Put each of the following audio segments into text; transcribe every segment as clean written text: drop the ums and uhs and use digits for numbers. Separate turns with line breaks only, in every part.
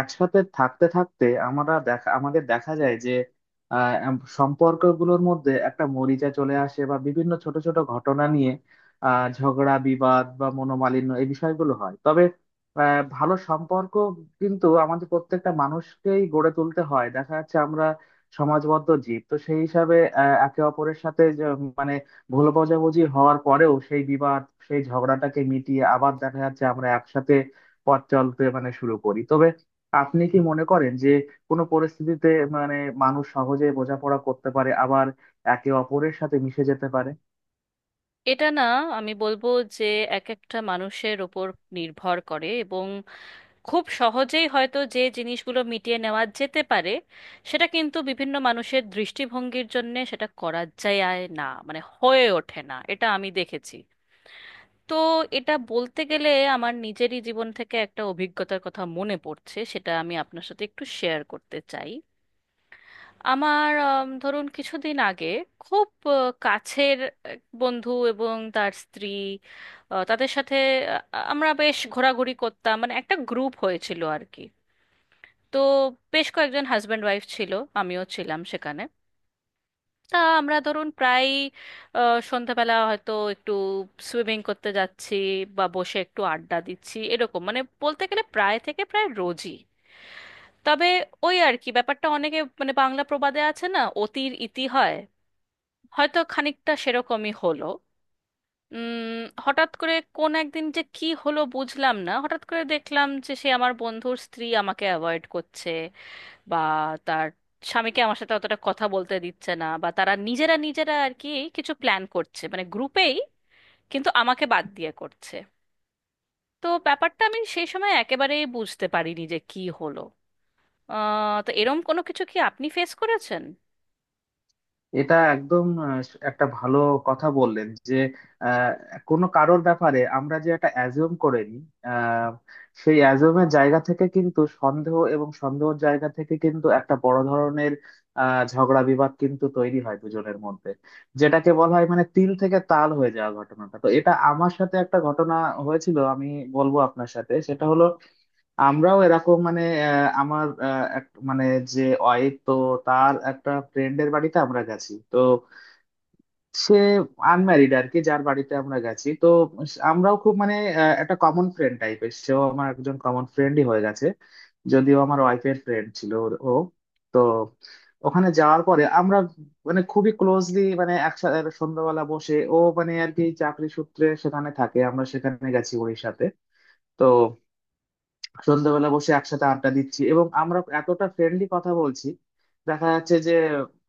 একসাথে থাকতে থাকতে আমরা আমাদের দেখা যায় যে সম্পর্কগুলোর মধ্যে একটা মরিচা চলে আসে বা বিভিন্ন ছোট ছোট ঘটনা নিয়ে ঝগড়া বিবাদ বা মনোমালিন্য এই বিষয়গুলো হয়। তবে ভালো সম্পর্ক কিন্তু আমাদের প্রত্যেকটা মানুষকেই গড়ে তুলতে হয়। দেখা যাচ্ছে আমরা সমাজবদ্ধ জীব, তো সেই হিসাবে একে অপরের সাথে যে, মানে ভুল বোঝাবুঝি হওয়ার পরেও সেই বিবাদ সেই ঝগড়াটাকে মিটিয়ে আবার দেখা যাচ্ছে আমরা একসাথে পথ চলতে শুরু করি। তবে আপনি কি মনে করেন যে কোনো পরিস্থিতিতে মানে মানুষ সহজে বোঝাপড়া করতে পারে, আবার একে অপরের সাথে মিশে যেতে পারে?
এটা না, আমি বলবো যে এক একটা মানুষের ওপর নির্ভর করে। এবং খুব সহজেই হয়তো যে জিনিসগুলো মিটিয়ে নেওয়া যেতে পারে, সেটা কিন্তু বিভিন্ন মানুষের দৃষ্টিভঙ্গির জন্য সেটা করা যায় না, মানে হয়ে ওঠে না, এটা আমি দেখেছি। তো এটা বলতে গেলে আমার নিজেরই জীবন থেকে একটা অভিজ্ঞতার কথা মনে পড়ছে, সেটা আমি আপনার সাথে একটু শেয়ার করতে চাই। আমার ধরুন কিছুদিন আগে খুব আ, কাছের এক বন্ধু এবং তার স্ত্রী, তাদের সাথে আ, আমরা বেশ ঘোরাঘুরি করতাম, মানে একটা গ্রুপ হয়েছিল আর কি। তো বেশ কয়েকজন হাজব্যান্ড ওয়াইফ ছিল, আমিও ছিলাম সেখানে। তা আমরা ধরুন প্রায় আ, সন্ধ্যাবেলা হয়তো একটু সুইমিং করতে যাচ্ছি বা বসে একটু আড্ডা দিচ্ছি, এরকম মানে বলতে গেলে প্রায় থেকে প্রায় রোজই। তবে ওই আর কি, ব্যাপারটা অনেকে মানে বাংলা প্রবাদে আছে না, অতির ইতি হয়, হয়তো খানিকটা সেরকমই হলো। হঠাৎ করে কোন একদিন যে কি হলো বুঝলাম না, হঠাৎ করে দেখলাম যে সে আমার বন্ধুর স্ত্রী আমাকে অ্যাভয়েড করছে, বা তার স্বামীকে আমার সাথে অতটা কথা বলতে দিচ্ছে না, বা তারা নিজেরা নিজেরা আর কি কিছু প্ল্যান করছে মানে গ্রুপেই, কিন্তু আমাকে বাদ দিয়ে করছে। তো ব্যাপারটা আমি সেই সময় একেবারেই বুঝতে পারিনি যে কি হলো। তো এরম কোনো কিছু কি আপনি ফেস করেছেন?
এটা একদম একটা ভালো কথা বললেন যে আহ, কোনো কারোর ব্যাপারে আমরা যে একটা অ্যাজুম করে নিই, আহ, সেই অ্যাজুমের জায়গা থেকে কিন্তু সন্দেহ, এবং সন্দেহের জায়গা থেকে কিন্তু একটা বড় ধরনের ঝগড়া বিবাদ কিন্তু তৈরি হয় দুজনের মধ্যে, যেটাকে বলা হয় মানে তিল থেকে তাল হয়ে যাওয়া ঘটনাটা। তো এটা আমার সাথে একটা ঘটনা হয়েছিল, আমি বলবো আপনার সাথে। সেটা হলো, আমরাও এরকম মানে আমার এক মানে যে ওয়াইফ তো তার একটা ফ্রেন্ডের বাড়িতে আমরা গেছি। তো সে আনম্যারিড আর কি, যার বাড়িতে আমরা গেছি। তো আমরাও খুব মানে একটা কমন ফ্রেন্ড টাইপের, সেও আমার একজন কমন ফ্রেন্ডই হয়ে গেছে, যদিও আমার ওয়াইফের ফ্রেন্ড ছিল ও। তো ওখানে যাওয়ার পরে আমরা মানে খুবই ক্লোজলি মানে একসাথে সন্ধ্যাবেলা বসে, ও মানে আর কি চাকরি সূত্রে সেখানে থাকে, আমরা সেখানে গেছি ওর সাথে। তো সন্ধ্যাবেলা বসে একসাথে আড্ডা দিচ্ছি এবং আমরা এতটা ফ্রেন্ডলি কথা বলছি, দেখা যাচ্ছে যে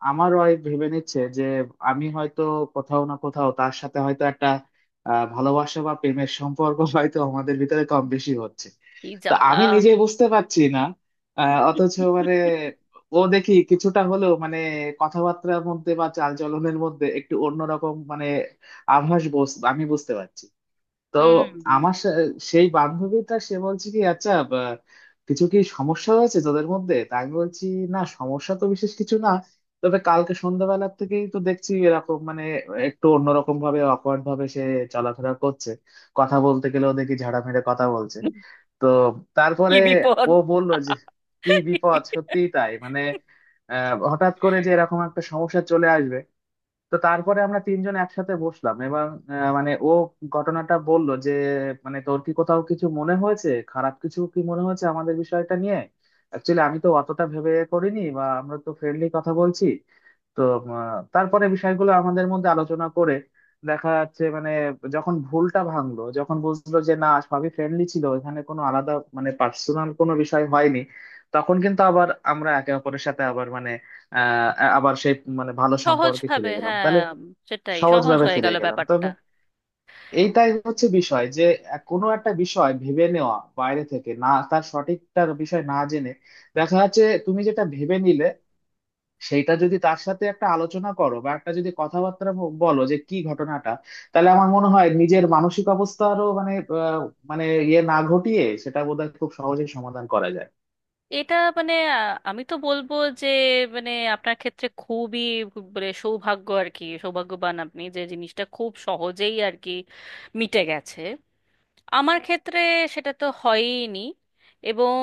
আমার ওয়াইফ ভেবে নিচ্ছে যে আমি হয়তো কোথাও না কোথাও তার সাথে হয়তো একটা ভালোবাসা বা প্রেমের সম্পর্ক হয়তো আমাদের ভিতরে কম বেশি হচ্ছে।
কি
তো আমি
জ্বালা
নিজেই বুঝতে পারছি না, অথচ মানে ও দেখি কিছুটা হলেও মানে কথাবার্তার মধ্যে বা চালচলনের মধ্যে একটু অন্যরকম মানে আভাস বস আমি বুঝতে পারছি। তো
হুম।
আমার সা- সেই বান্ধবীটা সে বলছে কি, আচ্ছা বা, কিছু কি সমস্যা হয়েছে তোদের মধ্যে? তা আমি বলছি, না সমস্যা তো বিশেষ কিছু না, তবে কালকে সন্ধ্যাবেলার থেকেই তো দেখছি এরকম মানে একটু অন্যরকম ভাবে অকওয়ার্ড ভাবে সে চলাফেরা করছে, কথা বলতে গেলেও দেখি ঝাড়া মেরে কথা বলছে। তো
কি
তারপরে
বিপদ।
ও বললো যে কি বিপদ, সত্যিই তাই মানে, আহ হঠাৎ করে যে এরকম একটা সমস্যা চলে আসবে। তো তারপরে আমরা তিনজন একসাথে বসলাম এবং আহ, মানে ও ঘটনাটা বলল যে মানে তোর কি কোথাও কিছু মনে হয়েছে, খারাপ কিছু কি মনে হয়েছে আমাদের বিষয়টা নিয়ে? অ্যাকচুয়ালি আমি তো অতটা ভেবে করিনি, বা আমরা তো ফ্রেন্ডলি কথা বলছি। তো তারপরে বিষয়গুলো আমাদের মধ্যে আলোচনা করে দেখা যাচ্ছে মানে যখন ভুলটা ভাঙলো, যখন বুঝলো যে না সবই ফ্রেন্ডলি ছিল, এখানে কোনো আলাদা মানে পার্সোনাল কোনো বিষয় হয়নি, তখন কিন্তু আবার আমরা একে অপরের সাথে আবার মানে আহ আবার সেই মানে ভালো
সহজ
সম্পর্কে ফিরে
ভাবে,
গেলাম।
হ্যাঁ,
তাহলে
সেটাই সহজ
সহজভাবে
হয়ে
ফিরে
গেল
গেলাম।
ব্যাপারটা।
তবে এইটাই হচ্ছে বিষয় যে কোনো একটা বিষয় ভেবে নেওয়া বাইরে থেকে, না তার সঠিকটা বিষয় না জেনে, দেখা যাচ্ছে তুমি যেটা ভেবে নিলে সেইটা যদি তার সাথে একটা আলোচনা করো বা একটা যদি কথাবার্তা বলো যে কি ঘটনাটা, তাহলে আমার মনে হয় নিজের মানসিক অবস্থারও মানে মানে ইয়ে না ঘটিয়ে সেটা বোধহয় খুব সহজেই সমাধান করা যায়।
এটা মানে আমি তো বলবো যে, মানে আপনার ক্ষেত্রে খুবই মানে সৌভাগ্য আর কি, সৌভাগ্যবান আপনি, যে জিনিসটা খুব সহজেই আর কি মিটে গেছে। আমার ক্ষেত্রে সেটা তো হয়ইনি, এবং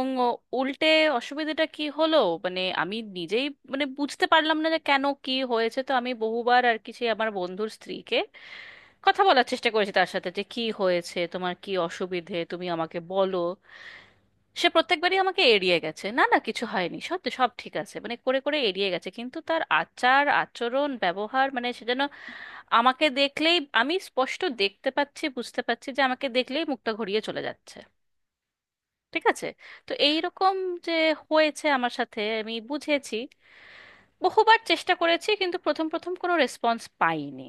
উল্টে অসুবিধাটা কি হলো, মানে আমি নিজেই মানে বুঝতে পারলাম না যে কেন কি হয়েছে। তো আমি বহুবার আর কি সেই আমার বন্ধুর স্ত্রীকে কথা বলার চেষ্টা করেছি, তার সাথে যে কি হয়েছে তোমার, কি অসুবিধে তুমি আমাকে বলো। সে প্রত্যেকবারই আমাকে এড়িয়ে গেছে, না না কিছু হয়নি, সব সব ঠিক আছে মানে করে করে এড়িয়ে গেছে। কিন্তু তার আচার আচরণ ব্যবহার মানে সে যেন আমাকে দেখলেই, আমি স্পষ্ট দেখতে পাচ্ছি বুঝতে পারছি যে আমাকে দেখলেই মুখটা ঘুরিয়ে চলে যাচ্ছে। ঠিক আছে। তো এই রকম যে হয়েছে আমার সাথে আমি বুঝেছি, বহুবার চেষ্টা করেছি, কিন্তু প্রথম প্রথম কোনো রেসপন্স পাইনি,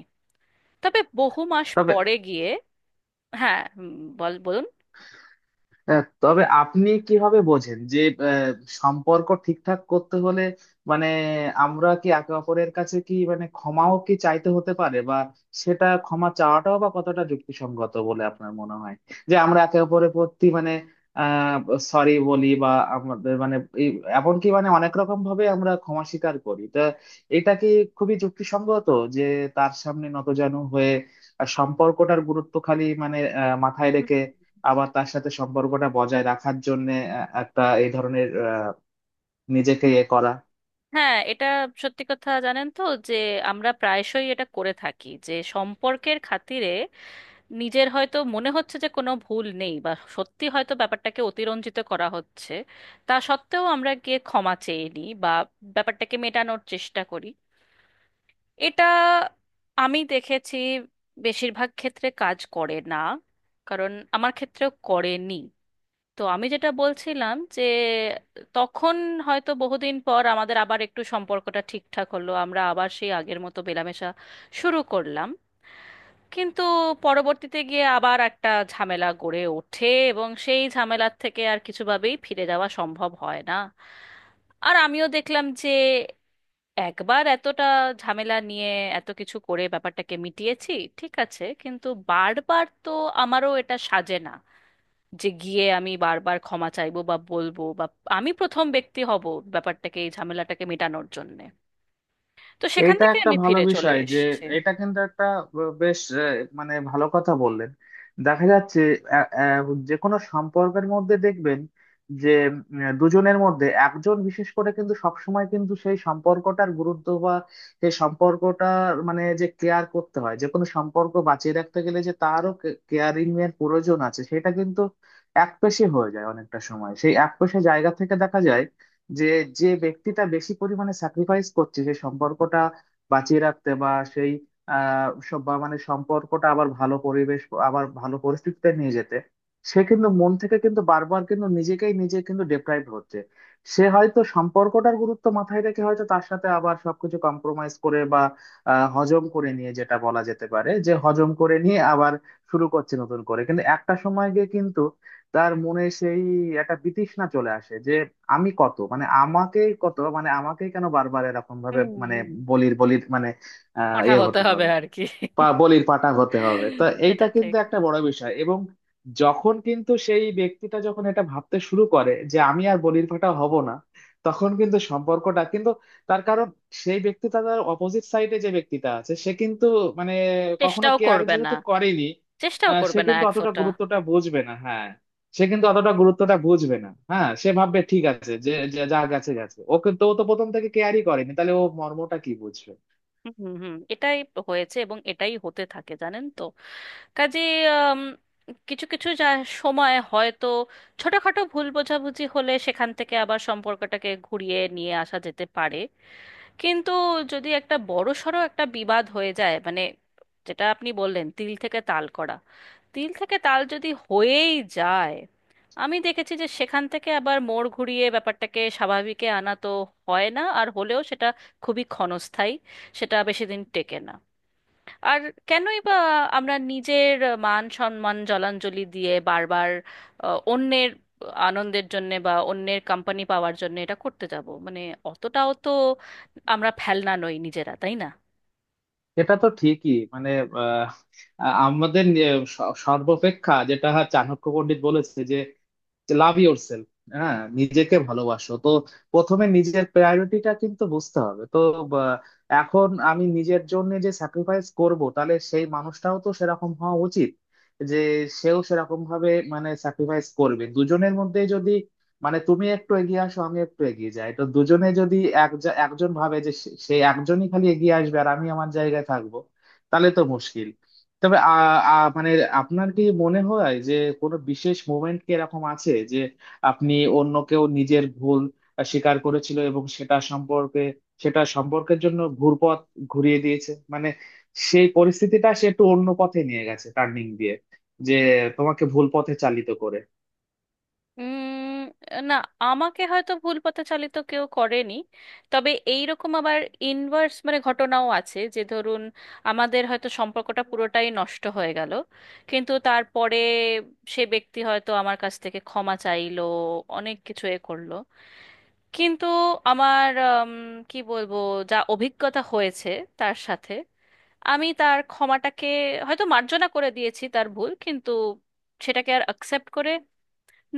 তবে বহু মাস
তবে
পরে গিয়ে। হ্যাঁ, বলুন।
হ্যাঁ, তবে আপনি কিভাবে বোঝেন যে আহ, সম্পর্ক ঠিকঠাক করতে হলে মানে আমরা কি একে অপরের কাছে কি মানে ক্ষমাও কি চাইতে হতে পারে? বা সেটা ক্ষমা চাওয়াটাও বা কতটা যুক্তিসঙ্গত বলে আপনার মনে হয় যে আমরা একে অপরের প্রতি মানে আহ সরি বলি বা আমাদের মানে এই- এমনকি মানে অনেক রকম ভাবে আমরা ক্ষমা স্বীকার করি। তো এটা কি খুবই যুক্তিসঙ্গত যে তার সামনে নতজানু হয়ে আর সম্পর্কটার গুরুত্ব খালি মানে মাথায় রেখে আবার তার সাথে সম্পর্কটা বজায় রাখার জন্য একটা এই ধরনের আহ, নিজেকে ইয়ে করা?
হ্যাঁ, এটা সত্যি কথা জানেন তো, যে আমরা প্রায়শই এটা করে থাকি যে সম্পর্কের খাতিরে নিজের হয়তো মনে হচ্ছে যে কোনো ভুল নেই, বা সত্যি হয়তো ব্যাপারটাকে অতিরঞ্জিত করা হচ্ছে, তা সত্ত্বেও আমরা গিয়ে ক্ষমা চেয়ে নিই বা ব্যাপারটাকে মেটানোর চেষ্টা করি। এটা আমি দেখেছি বেশিরভাগ ক্ষেত্রে কাজ করে না, কারণ আমার ক্ষেত্রেও করেনি। তো আমি যেটা বলছিলাম যে তখন হয়তো বহুদিন পর আমাদের আবার একটু সম্পর্কটা ঠিকঠাক হলো, আমরা আবার সেই আগের মতো মেলামেশা শুরু করলাম। কিন্তু পরবর্তীতে গিয়ে আবার একটা ঝামেলা গড়ে ওঠে, এবং সেই ঝামেলার থেকে আর কিছুভাবেই ফিরে যাওয়া সম্ভব হয় না। আর আমিও দেখলাম যে একবার এতটা ঝামেলা নিয়ে এত কিছু করে ব্যাপারটাকে মিটিয়েছি, ঠিক আছে, কিন্তু বারবার তো আমারও এটা সাজে না, যে গিয়ে আমি বারবার ক্ষমা চাইবো বা বলবো, বা আমি প্রথম ব্যক্তি হব ব্যাপারটাকে, এই ঝামেলাটাকে মেটানোর জন্যে। তো সেখান
এটা
থেকে
একটা
আমি
ভালো
ফিরে, হুম, চলে
বিষয় যে,
এসেছি।
এটা কিন্তু একটা বেশ মানে ভালো কথা বললেন। দেখা যাচ্ছে আ- আ, যে কোনো সম্পর্কের মধ্যে দেখবেন যে দুজনের মধ্যে একজন বিশেষ করে কিন্তু সবসময় কিন্তু সেই সম্পর্কটার গুরুত্ব বা সেই সম্পর্কটার মানে যে কেয়ার করতে হয়, যে কোনো সম্পর্ক বাঁচিয়ে রাখতে গেলে যে তারও কেয়ারিং এর প্রয়োজন আছে, সেটা কিন্তু একপেশে হয়ে যায় অনেকটা সময়। সেই একপেশে জায়গা থেকে দেখা যায় যে, যে ব্যক্তিটা বেশি পরিমাণে স্যাক্রিফাইস করছে সেই সম্পর্কটা বাঁচিয়ে রাখতে বা সেই বা মানে সম্পর্কটা আবার ভালো পরিবেশ, আবার ভালো পরিস্থিতিতে নিয়ে যেতে, সে কিন্তু মন থেকে কিন্তু বারবার কিন্তু নিজেকেই নিজে কিন্তু ডেপ্রাইভ হচ্ছে। সে হয়তো সম্পর্কটার গুরুত্ব মাথায় রেখে হয়তো তার সাথে আবার সবকিছু কম্প্রোমাইজ করে বা হজম করে নিয়ে, যেটা বলা যেতে পারে যে হজম করে নিয়ে আবার শুরু করছে নতুন করে, কিন্তু একটা সময় গিয়ে কিন্তু তার মনে সেই একটা বিতৃষ্ণা চলে আসে যে আমি কত মানে আমাকেই কত মানে আমাকেই কেন বারবার এরকম ভাবে
হুম
মানে
হুম।
বলির বলির মানে আহ
পাঁঠা ঠিক
ইয়ে
হতে
হতে
হবে
হবে,
আর কি।
বলির পাটা হতে হবে। তো
সেটা
এইটা কিন্তু
ঠিক।
একটা বড় বিষয় এবং যখন কিন্তু সেই ব্যক্তিটা যখন এটা ভাবতে শুরু করে যে আমি আর বলির পাটা হব না, তখন কিন্তু সম্পর্কটা কিন্তু, তার কারণ সেই ব্যক্তিটা তার অপোজিট সাইডে যে ব্যক্তিটা আছে সে কিন্তু মানে কখনো
চেষ্টাও
কেয়ার
করবে না।
যেহেতু করেনি,
চেষ্টাও
সে
করবে না
কিন্তু
এক
অতটা
ফোঁটা।
গুরুত্বটা বুঝবে না। হ্যাঁ, সে কিন্তু অতটা গুরুত্বটা বুঝবে না। হ্যাঁ, সে ভাববে ঠিক আছে যে যে যা গেছে গেছে, ও কিন্তু ও তো প্রথম থেকে কেয়ারই করেনি, তাহলে ও মর্মটা কি বুঝবে?
হুম হুম হুম, এটাই হয়েছে, এবং এটাই হতে থাকে জানেন তো। কাজে কিছু কিছু যা সময় হয়তো ছোটখাটো ভুল বোঝাবুঝি হলে সেখান থেকে আবার সম্পর্কটাকে ঘুরিয়ে নিয়ে আসা যেতে পারে। কিন্তু যদি একটা বড়সড় একটা বিবাদ হয়ে যায় মানে, যেটা আপনি বললেন তিল থেকে তাল করা, তিল থেকে তাল যদি হয়েই যায়, আমি দেখেছি যে সেখান থেকে আবার মোড় ঘুরিয়ে ব্যাপারটাকে স্বাভাবিকে আনা তো হয় না, আর হলেও সেটা খুবই ক্ষণস্থায়ী, সেটা বেশি দিন টেকে না। আর কেনই বা আমরা নিজের মান সম্মান জলাঞ্জলি দিয়ে বারবার অন্যের আনন্দের জন্যে বা অন্যের কোম্পানি পাওয়ার জন্য এটা করতে যাব, মানে অতটাও তো আমরা ফেলনা নই নিজেরা, তাই না?
এটা তো ঠিকই মানে আহ, আমাদের সর্বাপেক্ষা যেটা চাণক্য পণ্ডিত বলেছে যে, যে লাভ ইয়োর সেলফ, হ্যাঁ, নিজেকে ভালোবাসো। তো প্রথমে নিজের প্রায়োরিটিটা কিন্তু বুঝতে হবে। তো বা, এখন আমি নিজের জন্য যে স্যাক্রিফাইস করব, তাহলে সেই মানুষটাও তো সেরকম হওয়া উচিত যে সেও সেরকম ভাবে মানে স্যাক্রিফাইস করবে। দুজনের মধ্যে যদি মানে তুমি একটু এগিয়ে আসো আমি একটু এগিয়ে যাই, তো দুজনে যদি এক একজন ভাবে যে সে সে একজনই খালি এগিয়ে আসবে আর আমি আমার জায়গায় থাকবো, তাহলে তো মুশকিল। তবে আ আ মানে আপনার কি মনে হয় যে কোনো বিশেষ মোমেন্ট কি এরকম আছে যে আপনি অন্য কেউ নিজের ভুল স্বীকার করেছিল এবং সেটা সম্পর্কের জন্য ঘুরিয়ে দিয়েছে, মানে সেই পরিস্থিতিটা সে একটু অন্য পথে নিয়ে গেছে, টার্নিং দিয়ে, যে তোমাকে ভুল পথে চালিত করে?
উম না, আমাকে হয়তো ভুল পথে চালিত কেউ করেনি, তবে এইরকম আবার ইনভার্স মানে ঘটনাও আছে, যে ধরুন আমাদের হয়তো সম্পর্কটা পুরোটাই নষ্ট হয়ে গেল, কিন্তু তারপরে সে ব্যক্তি হয়তো আমার কাছ থেকে ক্ষমা চাইলো, অনেক কিছু এ করলো, কিন্তু আমার কি বলবো, যা অভিজ্ঞতা হয়েছে তার সাথে, আমি তার ক্ষমাটাকে হয়তো মার্জনা করে দিয়েছি তার ভুল, কিন্তু সেটাকে আর অ্যাকসেপ্ট করে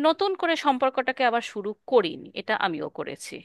নতুন করে সম্পর্কটাকে আবার শুরু করিনি, এটা আমিও করেছি।